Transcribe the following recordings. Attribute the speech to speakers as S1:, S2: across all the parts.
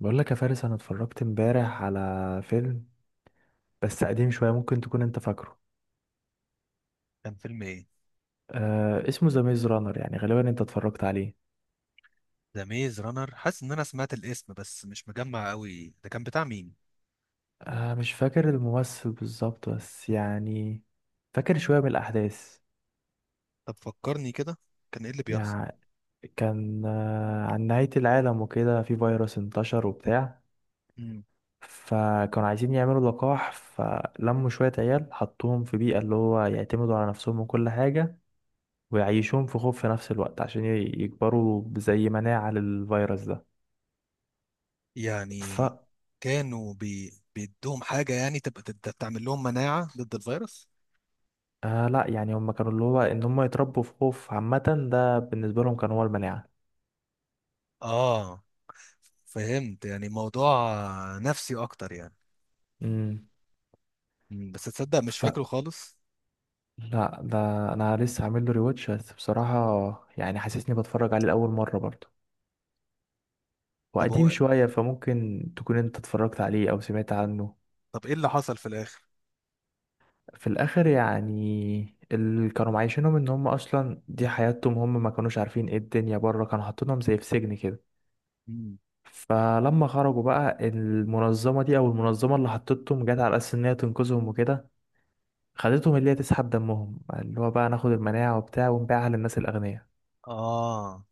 S1: بقول لك يا فارس، انا اتفرجت امبارح على فيلم بس قديم شويه، ممكن تكون انت فاكره.
S2: كان فيلم ايه؟
S1: اسمه ذا ميز رانر، يعني غالبا انت اتفرجت عليه.
S2: ذا ميز رانر. حاسس ان انا سمعت الاسم بس مش مجمع قوي، ده كان بتاع مين؟
S1: مش فاكر الممثل بالظبط، بس يعني فاكر شويه من الاحداث.
S2: طب فكرني كده، كان ايه اللي بيحصل؟
S1: يعني كان عن نهايه العالم وكده، في فيروس انتشر وبتاع.
S2: مم.
S1: فكانوا عايزين يعملوا لقاح، فلموا شويه عيال حطوهم في بيئه اللي هو يعتمدوا على نفسهم وكل حاجه، ويعيشوهم في خوف في نفس الوقت عشان يكبروا زي مناعة للفيروس ده. ف
S2: يعني كانوا بيدوهم حاجة يعني تبقى تعمل لهم مناعة ضد الفيروس.
S1: لا يعني هم كانوا اللي هو ان هم يتربوا في خوف، عامة ده بالنسبة لهم كان هو المناعة.
S2: اه فهمت، يعني موضوع نفسي اكتر يعني.
S1: امم
S2: مم. بس تصدق مش
S1: ف
S2: فاكره خالص.
S1: لا ده انا لسه عامل له ريواتش، بس بصراحة يعني حاسسني بتفرج عليه لأول مرة برضه.
S2: طب
S1: وقديم
S2: هو
S1: شوية، فممكن تكون انت اتفرجت عليه او سمعت عنه.
S2: طب ايه اللي حصل في الاخر؟
S1: في الاخر يعني اللي كانوا معايشينهم ان هم اصلا دي حياتهم، هم ما كانوش عارفين ايه الدنيا بره، كانوا حاطينهم زي في سجن كده.
S2: مم.
S1: فلما خرجوا بقى، المنظمة دي او المنظمة اللي حطتهم، جت على اساس ان هي تنقذهم وكده، خدتهم اللي هي تسحب دمهم اللي هو بقى ناخد المناعة وبتاع ونبيعها للناس الأغنياء.
S2: اه،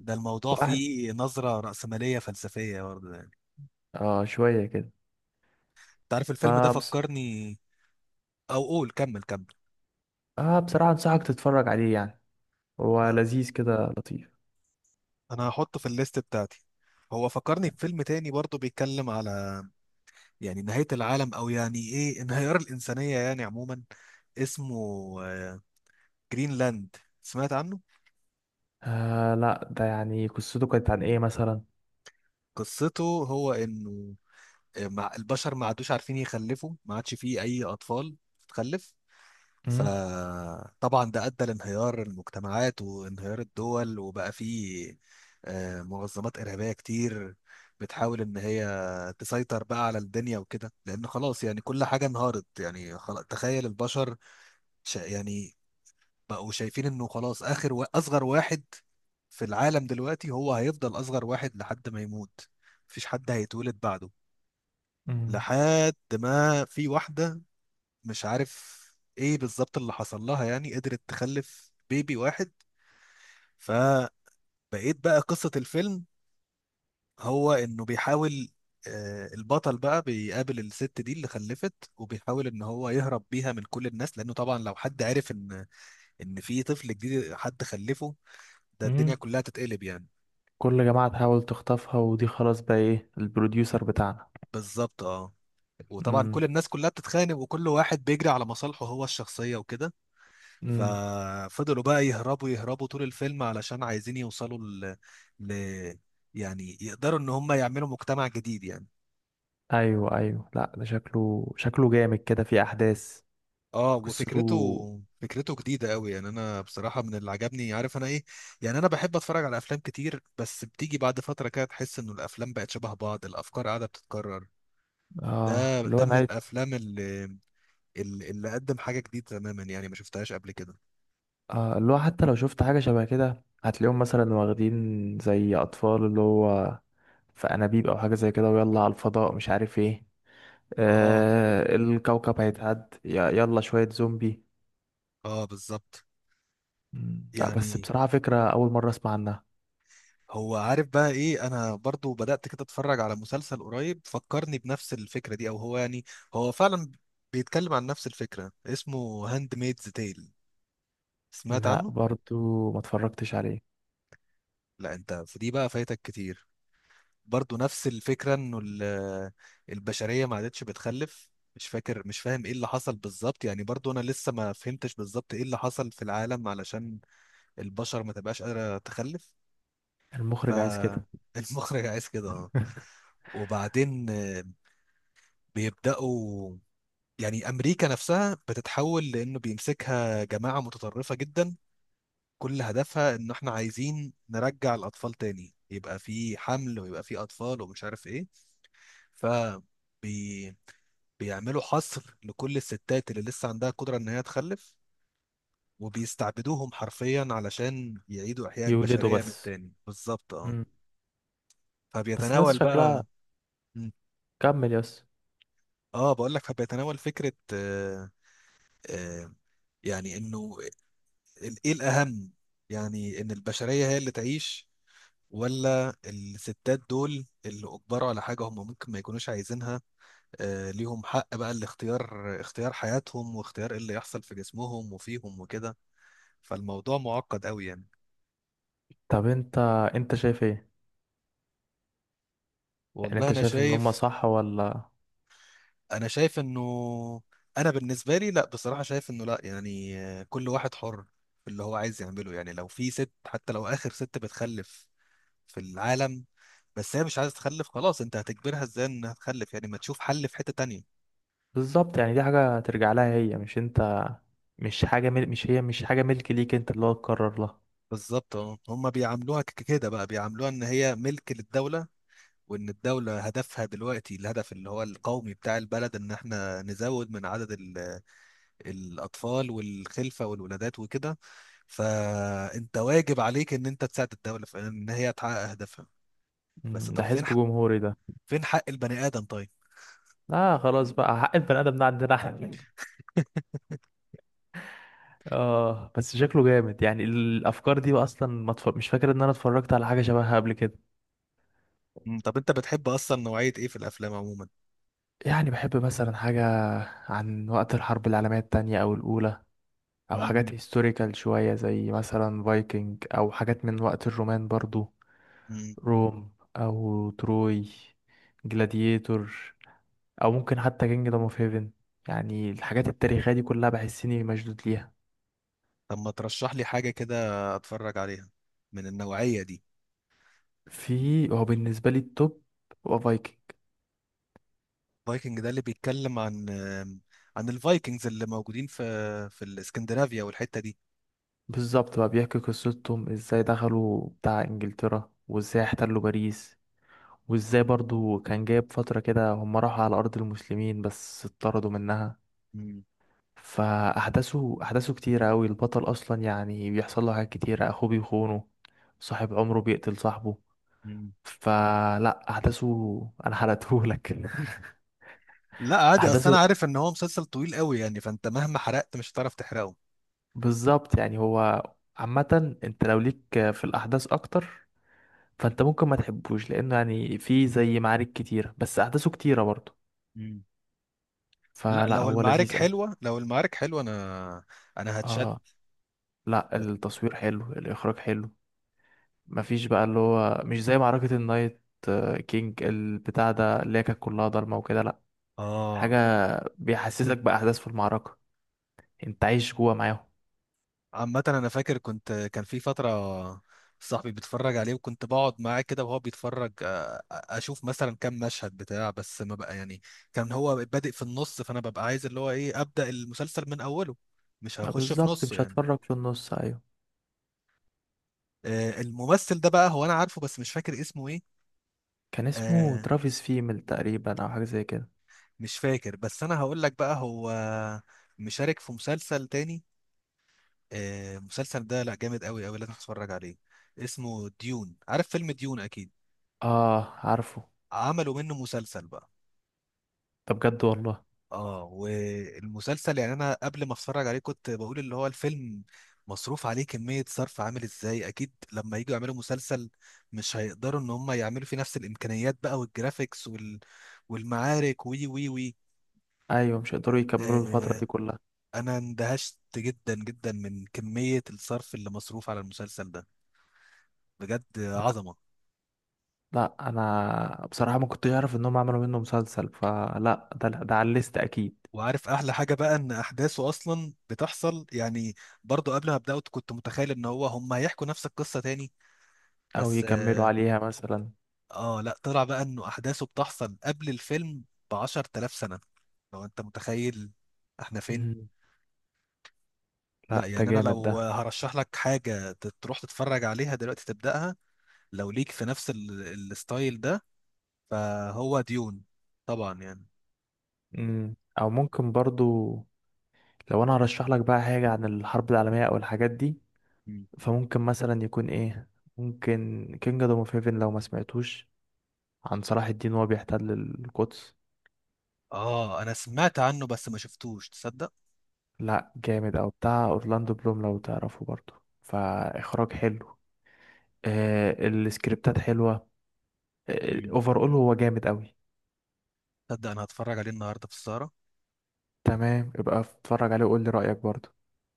S2: ده الموضوع
S1: واحد.
S2: فيه نظرة رأسمالية فلسفية برضه يعني.
S1: اه شوية كده.
S2: تعرف الفيلم ده
S1: فبس
S2: فكرني، او قول كمل كمل.
S1: آه بصراحة أنصحك تتفرج عليه يعني، هو
S2: آه،
S1: لذيذ كده لطيف.
S2: انا هحطه في الليست بتاعتي. هو فكرني بفيلم تاني برضه بيتكلم على يعني نهاية العالم او يعني ايه انهيار الانسانية يعني عموما. اسمه آه، جرينلاند. سمعت عنه؟
S1: آه لا، ده يعني قصته كانت عن إيه مثلا؟
S2: قصته هو انه آه، مع البشر ما عادوش عارفين يخلفوا، ما عادش فيه اي اطفال تخلف.
S1: مم،
S2: فطبعا ده أدى لانهيار المجتمعات وانهيار الدول، وبقى فيه آه، منظمات إرهابية كتير بتحاول إن هي تسيطر بقى على الدنيا وكده، لأن خلاص يعني كل حاجة انهارت. يعني خلاص، تخيل البشر يعني بقوا شايفين إنه خلاص آخر أصغر واحد في العالم دلوقتي هو هيفضل أصغر واحد لحد ما يموت، مفيش حد هيتولد بعده.
S1: مم،
S2: لحد ما في واحدة، مش عارف ايه بالظبط اللي حصل لها، يعني قدرت تخلف بيبي واحد. فبقيت، بقى قصة الفيلم هو انه بيحاول آه، البطل بقى بيقابل الست دي اللي خلفت وبيحاول ان هو يهرب بيها من كل الناس، لانه طبعا لو حد عرف ان في طفل جديد حد خلفه، ده الدنيا
S1: مم.
S2: كلها تتقلب يعني.
S1: كل جماعة تحاول تخطفها، ودي خلاص بقى إيه، البروديوسر بتاعنا.
S2: بالظبط اه. وطبعا
S1: مم،
S2: كل الناس كلها بتتخانق وكل واحد بيجري على مصالحه هو الشخصية وكده.
S1: مم.
S2: ففضلوا بقى يهربوا يهربوا طول الفيلم، علشان عايزين يوصلوا ل... يعني يقدروا ان هم يعملوا مجتمع جديد يعني.
S1: أيوه أيوه، لا ده شكله شكله جامد كده في أحداث.
S2: اه،
S1: قصته.
S2: فكرته جديدة قوي. يعني انا بصراحة من اللي عجبني عارف انا ايه، يعني انا بحب اتفرج على افلام كتير بس بتيجي بعد فترة كده تحس انه الافلام بقت شبه بعض، الافكار قاعدة بتتكرر.
S1: اه
S2: ده
S1: اللي هو
S2: ده
S1: أنا
S2: من
S1: عايز.
S2: الافلام اللي قدم حاجة جديدة تماما، يعني ما شفتهاش قبل كده.
S1: آه، اللي هو حتى لو شفت حاجة شبه كده، هتلاقيهم مثلا واخدين زي أطفال اللي هو في أنابيب أو حاجة زي كده، ويلا على الفضاء مش عارف ايه.
S2: اه
S1: آه الكوكب هيتعد يلا شوية زومبي.
S2: اه بالظبط.
S1: مم، لا بس
S2: يعني
S1: بصراحة فكرة أول مرة أسمع عنها.
S2: هو عارف بقى ايه، انا برضو بدأت كده اتفرج على مسلسل قريب فكرني بنفس الفكرة دي، او هو يعني هو فعلا بيتكلم عن نفس الفكرة. اسمه هاند ميدز تيل، سمعت
S1: لا
S2: عنه؟
S1: برضو ما اتفرجتش عليه.
S2: لا انت في دي بقى فايتك كتير. برضو نفس الفكرة، انه البشرية ما عادتش بتخلف. مش فاكر، مش فاهم ايه اللي حصل بالظبط، يعني برضو انا لسه ما فهمتش بالظبط ايه اللي حصل في العالم علشان البشر ما تبقاش قادرة تخلف.
S1: المخرج عايز كده.
S2: فالمخرج عايز كده اه. وبعدين بيبداوا يعني امريكا نفسها بتتحول، لانه بيمسكها جماعه متطرفه جدا كل هدفها ان احنا عايزين نرجع الاطفال تاني، يبقى في حمل ويبقى في اطفال ومش عارف ايه. ف بي- بيعملوا حصر لكل الستات اللي لسه عندها قدرة إن هي تخلف، وبيستعبدوهم حرفيا علشان يعيدوا إحياء
S1: يولده
S2: البشرية من
S1: بس.
S2: تاني. بالظبط اه.
S1: مم. بس الناس
S2: فبيتناول
S1: شكلها.
S2: بقى. مم.
S1: كمل يس.
S2: اه بقول لك، فبيتناول فكرة آه، آه يعني إنه ايه الاهم، يعني ان البشريه هي اللي تعيش، ولا الستات دول اللي اجبروا على حاجه هم ممكن ما يكونوش عايزينها. آه ليهم حق بقى الاختيار، اختيار حياتهم واختيار ايه اللي يحصل في جسمهم وفيهم وكده. فالموضوع معقد قوي يعني.
S1: طب انت شايف ايه؟ يعني
S2: والله
S1: انت
S2: انا
S1: شايف ان هما
S2: شايف،
S1: صح ولا؟
S2: انه انا بالنسبه لي لا بصراحه، شايف انه لا يعني آه، كل واحد حر في اللي هو عايز يعمله. يعني لو في ست حتى لو اخر ست بتخلف في العالم، بس هي مش عايزه تخلف خلاص، انت هتجبرها ازاي انها تخلف؟ يعني ما تشوف حل في حته تانية.
S1: بالظبط، يعني دي حاجة ترجع لها هي، مش انت. مش حاجة مش مش حاجة ملك ليك انت اللي هو تقرر لها.
S2: بالظبط اه. هم بيعاملوها كده بقى، بيعاملوها ان هي ملك للدوله، وان الدوله هدفها دلوقتي الهدف اللي هو القومي بتاع البلد ان احنا نزود من عدد الاطفال والخلفه والولادات وكده. فانت واجب عليك ان انت تساعد الدوله في ان هي تحقق اهدافها.
S1: مم،
S2: بس
S1: ده
S2: طب
S1: حزب جمهوري ده.
S2: فين حق البني ادم طيب؟
S1: اه خلاص بقى، حق البني ادم ده عندنا احنا. اه بس شكله جامد يعني، الافكار دي بقى اصلا ما اتف... مش فاكر ان انا اتفرجت على حاجة شبهها قبل كده.
S2: مم، طب انت بتحب اصلا نوعيه ايه في الافلام عموما؟
S1: يعني بحب مثلا حاجة عن وقت الحرب العالمية التانية او الاولى، او حاجات هيستوريكال شوية، زي مثلا فايكنج، او حاجات من وقت الرومان برضو.
S2: مم.
S1: روم، او تروي، جلاديتور، او ممكن حتى كينجدوم اوف هيفن. يعني الحاجات التاريخيه دي كلها بحس اني مشدود ليها.
S2: طب ما ترشح لي حاجة كده اتفرج عليها من النوعية دي.
S1: في هو بالنسبه لي التوب، هو فايكنج.
S2: فايكنج ده اللي بيتكلم عن، الفايكنجز اللي موجودين في، الاسكندنافيا والحتة دي؟
S1: بالظبط، بقى بيحكي قصتهم ازاي دخلوا بتاع انجلترا، وازاي احتلوا باريس، وازاي برضو كان جايب فتره كده هم راحوا على ارض المسلمين بس اتطردوا منها.
S2: مم.
S1: احداثه كتيره قوي، البطل اصلا يعني بيحصل له حاجات كتيره، اخوه بيخونه، صاحب عمره بيقتل صاحبه.
S2: مم.
S1: فلا احداثه، انا حرقتهولك.
S2: لا عادي، اصل انا
S1: احداثه،
S2: عارف ان هو مسلسل طويل قوي يعني، فانت مهما حرقت مش هتعرف تحرقه.
S1: بالظبط. يعني هو، عامة انت لو ليك في الأحداث أكتر، فانت ممكن ما تحبوش، لأنه يعني فيه زي معارك كتيرة، بس أحداثه كتيرة برضه.
S2: مم. لا
S1: فلا
S2: لو
S1: هو
S2: المعارك
S1: لذيذ أوي.
S2: حلوة، لو المعارك حلوة انا، هتشد.
S1: اه لا، التصوير حلو، الإخراج حلو. مفيش بقى اللي هو مش زي معركة النايت، آه، كينج البتاع ده اللي هي كانت كلها ضلمة وكده، لا حاجة
S2: اه
S1: بيحسسك بأحداث في المعركة، انت عايش جوا معاهم.
S2: عامة أنا فاكر، كان في فترة صاحبي بيتفرج عليه وكنت بقعد معاه كده وهو بيتفرج، آه، أشوف مثلا كام مشهد بتاع بس، ما بقى يعني كان هو بادئ في النص، فأنا ببقى عايز اللي هو إيه أبدأ المسلسل من أوله، مش
S1: لا
S2: هخش في
S1: بالظبط،
S2: نصه
S1: مش
S2: يعني.
S1: هتفرج في النص، أيوه.
S2: آه، الممثل ده بقى هو أنا عارفه بس مش فاكر اسمه إيه.
S1: كان اسمه
S2: آه،
S1: ترافيس فيمل تقريبا، أو حاجة زي كده.
S2: مش فاكر، بس أنا هقول لك بقى هو مشارك في مسلسل تاني. آه، المسلسل ده لأ جامد أوي أوي، لازم تتفرج عليه. اسمه ديون، عارف فيلم ديون أكيد.
S1: اه عارفه.
S2: عملوا منه مسلسل بقى.
S1: ده بجد والله.
S2: اه، والمسلسل يعني انا قبل ما اتفرج عليه كنت بقول اللي هو الفيلم مصروف عليه كمية صرف عامل ازاي، اكيد لما يجوا يعملوا مسلسل مش هيقدروا ان هم يعملوا فيه نفس الامكانيات بقى، والجرافيكس والمعارك وي وي وي.
S1: ايوه مش هيقدروا يكملوا الفتره
S2: آه
S1: دي كلها.
S2: انا اندهشت جدا جدا من كمية الصرف اللي مصروف على المسلسل ده، بجد
S1: لا
S2: عظمة.
S1: لا، انا بصراحه ما كنتش اعرف انهم عملوا منه مسلسل، فلا ده على الليست اكيد.
S2: وعارف احلى حاجة بقى، ان احداثه اصلا بتحصل يعني، برضو قبل ما ابدأه كنت متخيل ان هو هم هيحكوا نفس القصة تاني
S1: او
S2: بس
S1: يكملوا
S2: اه،
S1: عليها مثلا.
S2: آه، لا طلع بقى انه احداثه بتحصل قبل الفيلم ب 10000 سنة، لو انت متخيل احنا فين.
S1: مم.
S2: لا
S1: لا ده
S2: يعني انا
S1: جامد
S2: لو
S1: ده.
S2: هرشح لك حاجة تروح تتفرج عليها دلوقتي تبدأها لو ليك في نفس الستايل ده، فهو ديون طبعا يعني.
S1: مم. او ممكن برضو، لو انا هرشح لك بقى حاجه عن الحرب العالميه او الحاجات دي،
S2: مم.
S1: فممكن مثلا يكون ايه، ممكن كينج دوم اوف هيفن لو ما سمعتوش، عن صلاح الدين وهو بيحتل القدس.
S2: اه انا سمعت عنه بس ما شفتوش تصدق.
S1: لا جامد، او بتاع اورلاندو بلوم لو تعرفه برضو، فاخراج حلو، آه السكريبتات حلوة،
S2: مم.
S1: اوفر اول هو جامد قوي.
S2: تصدق انا هتفرج عليه النهارده في السهرة.
S1: تمام، يبقى اتفرج عليه وقول لي رأيك برضو.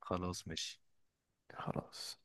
S2: خلاص ماشي.
S1: خلاص.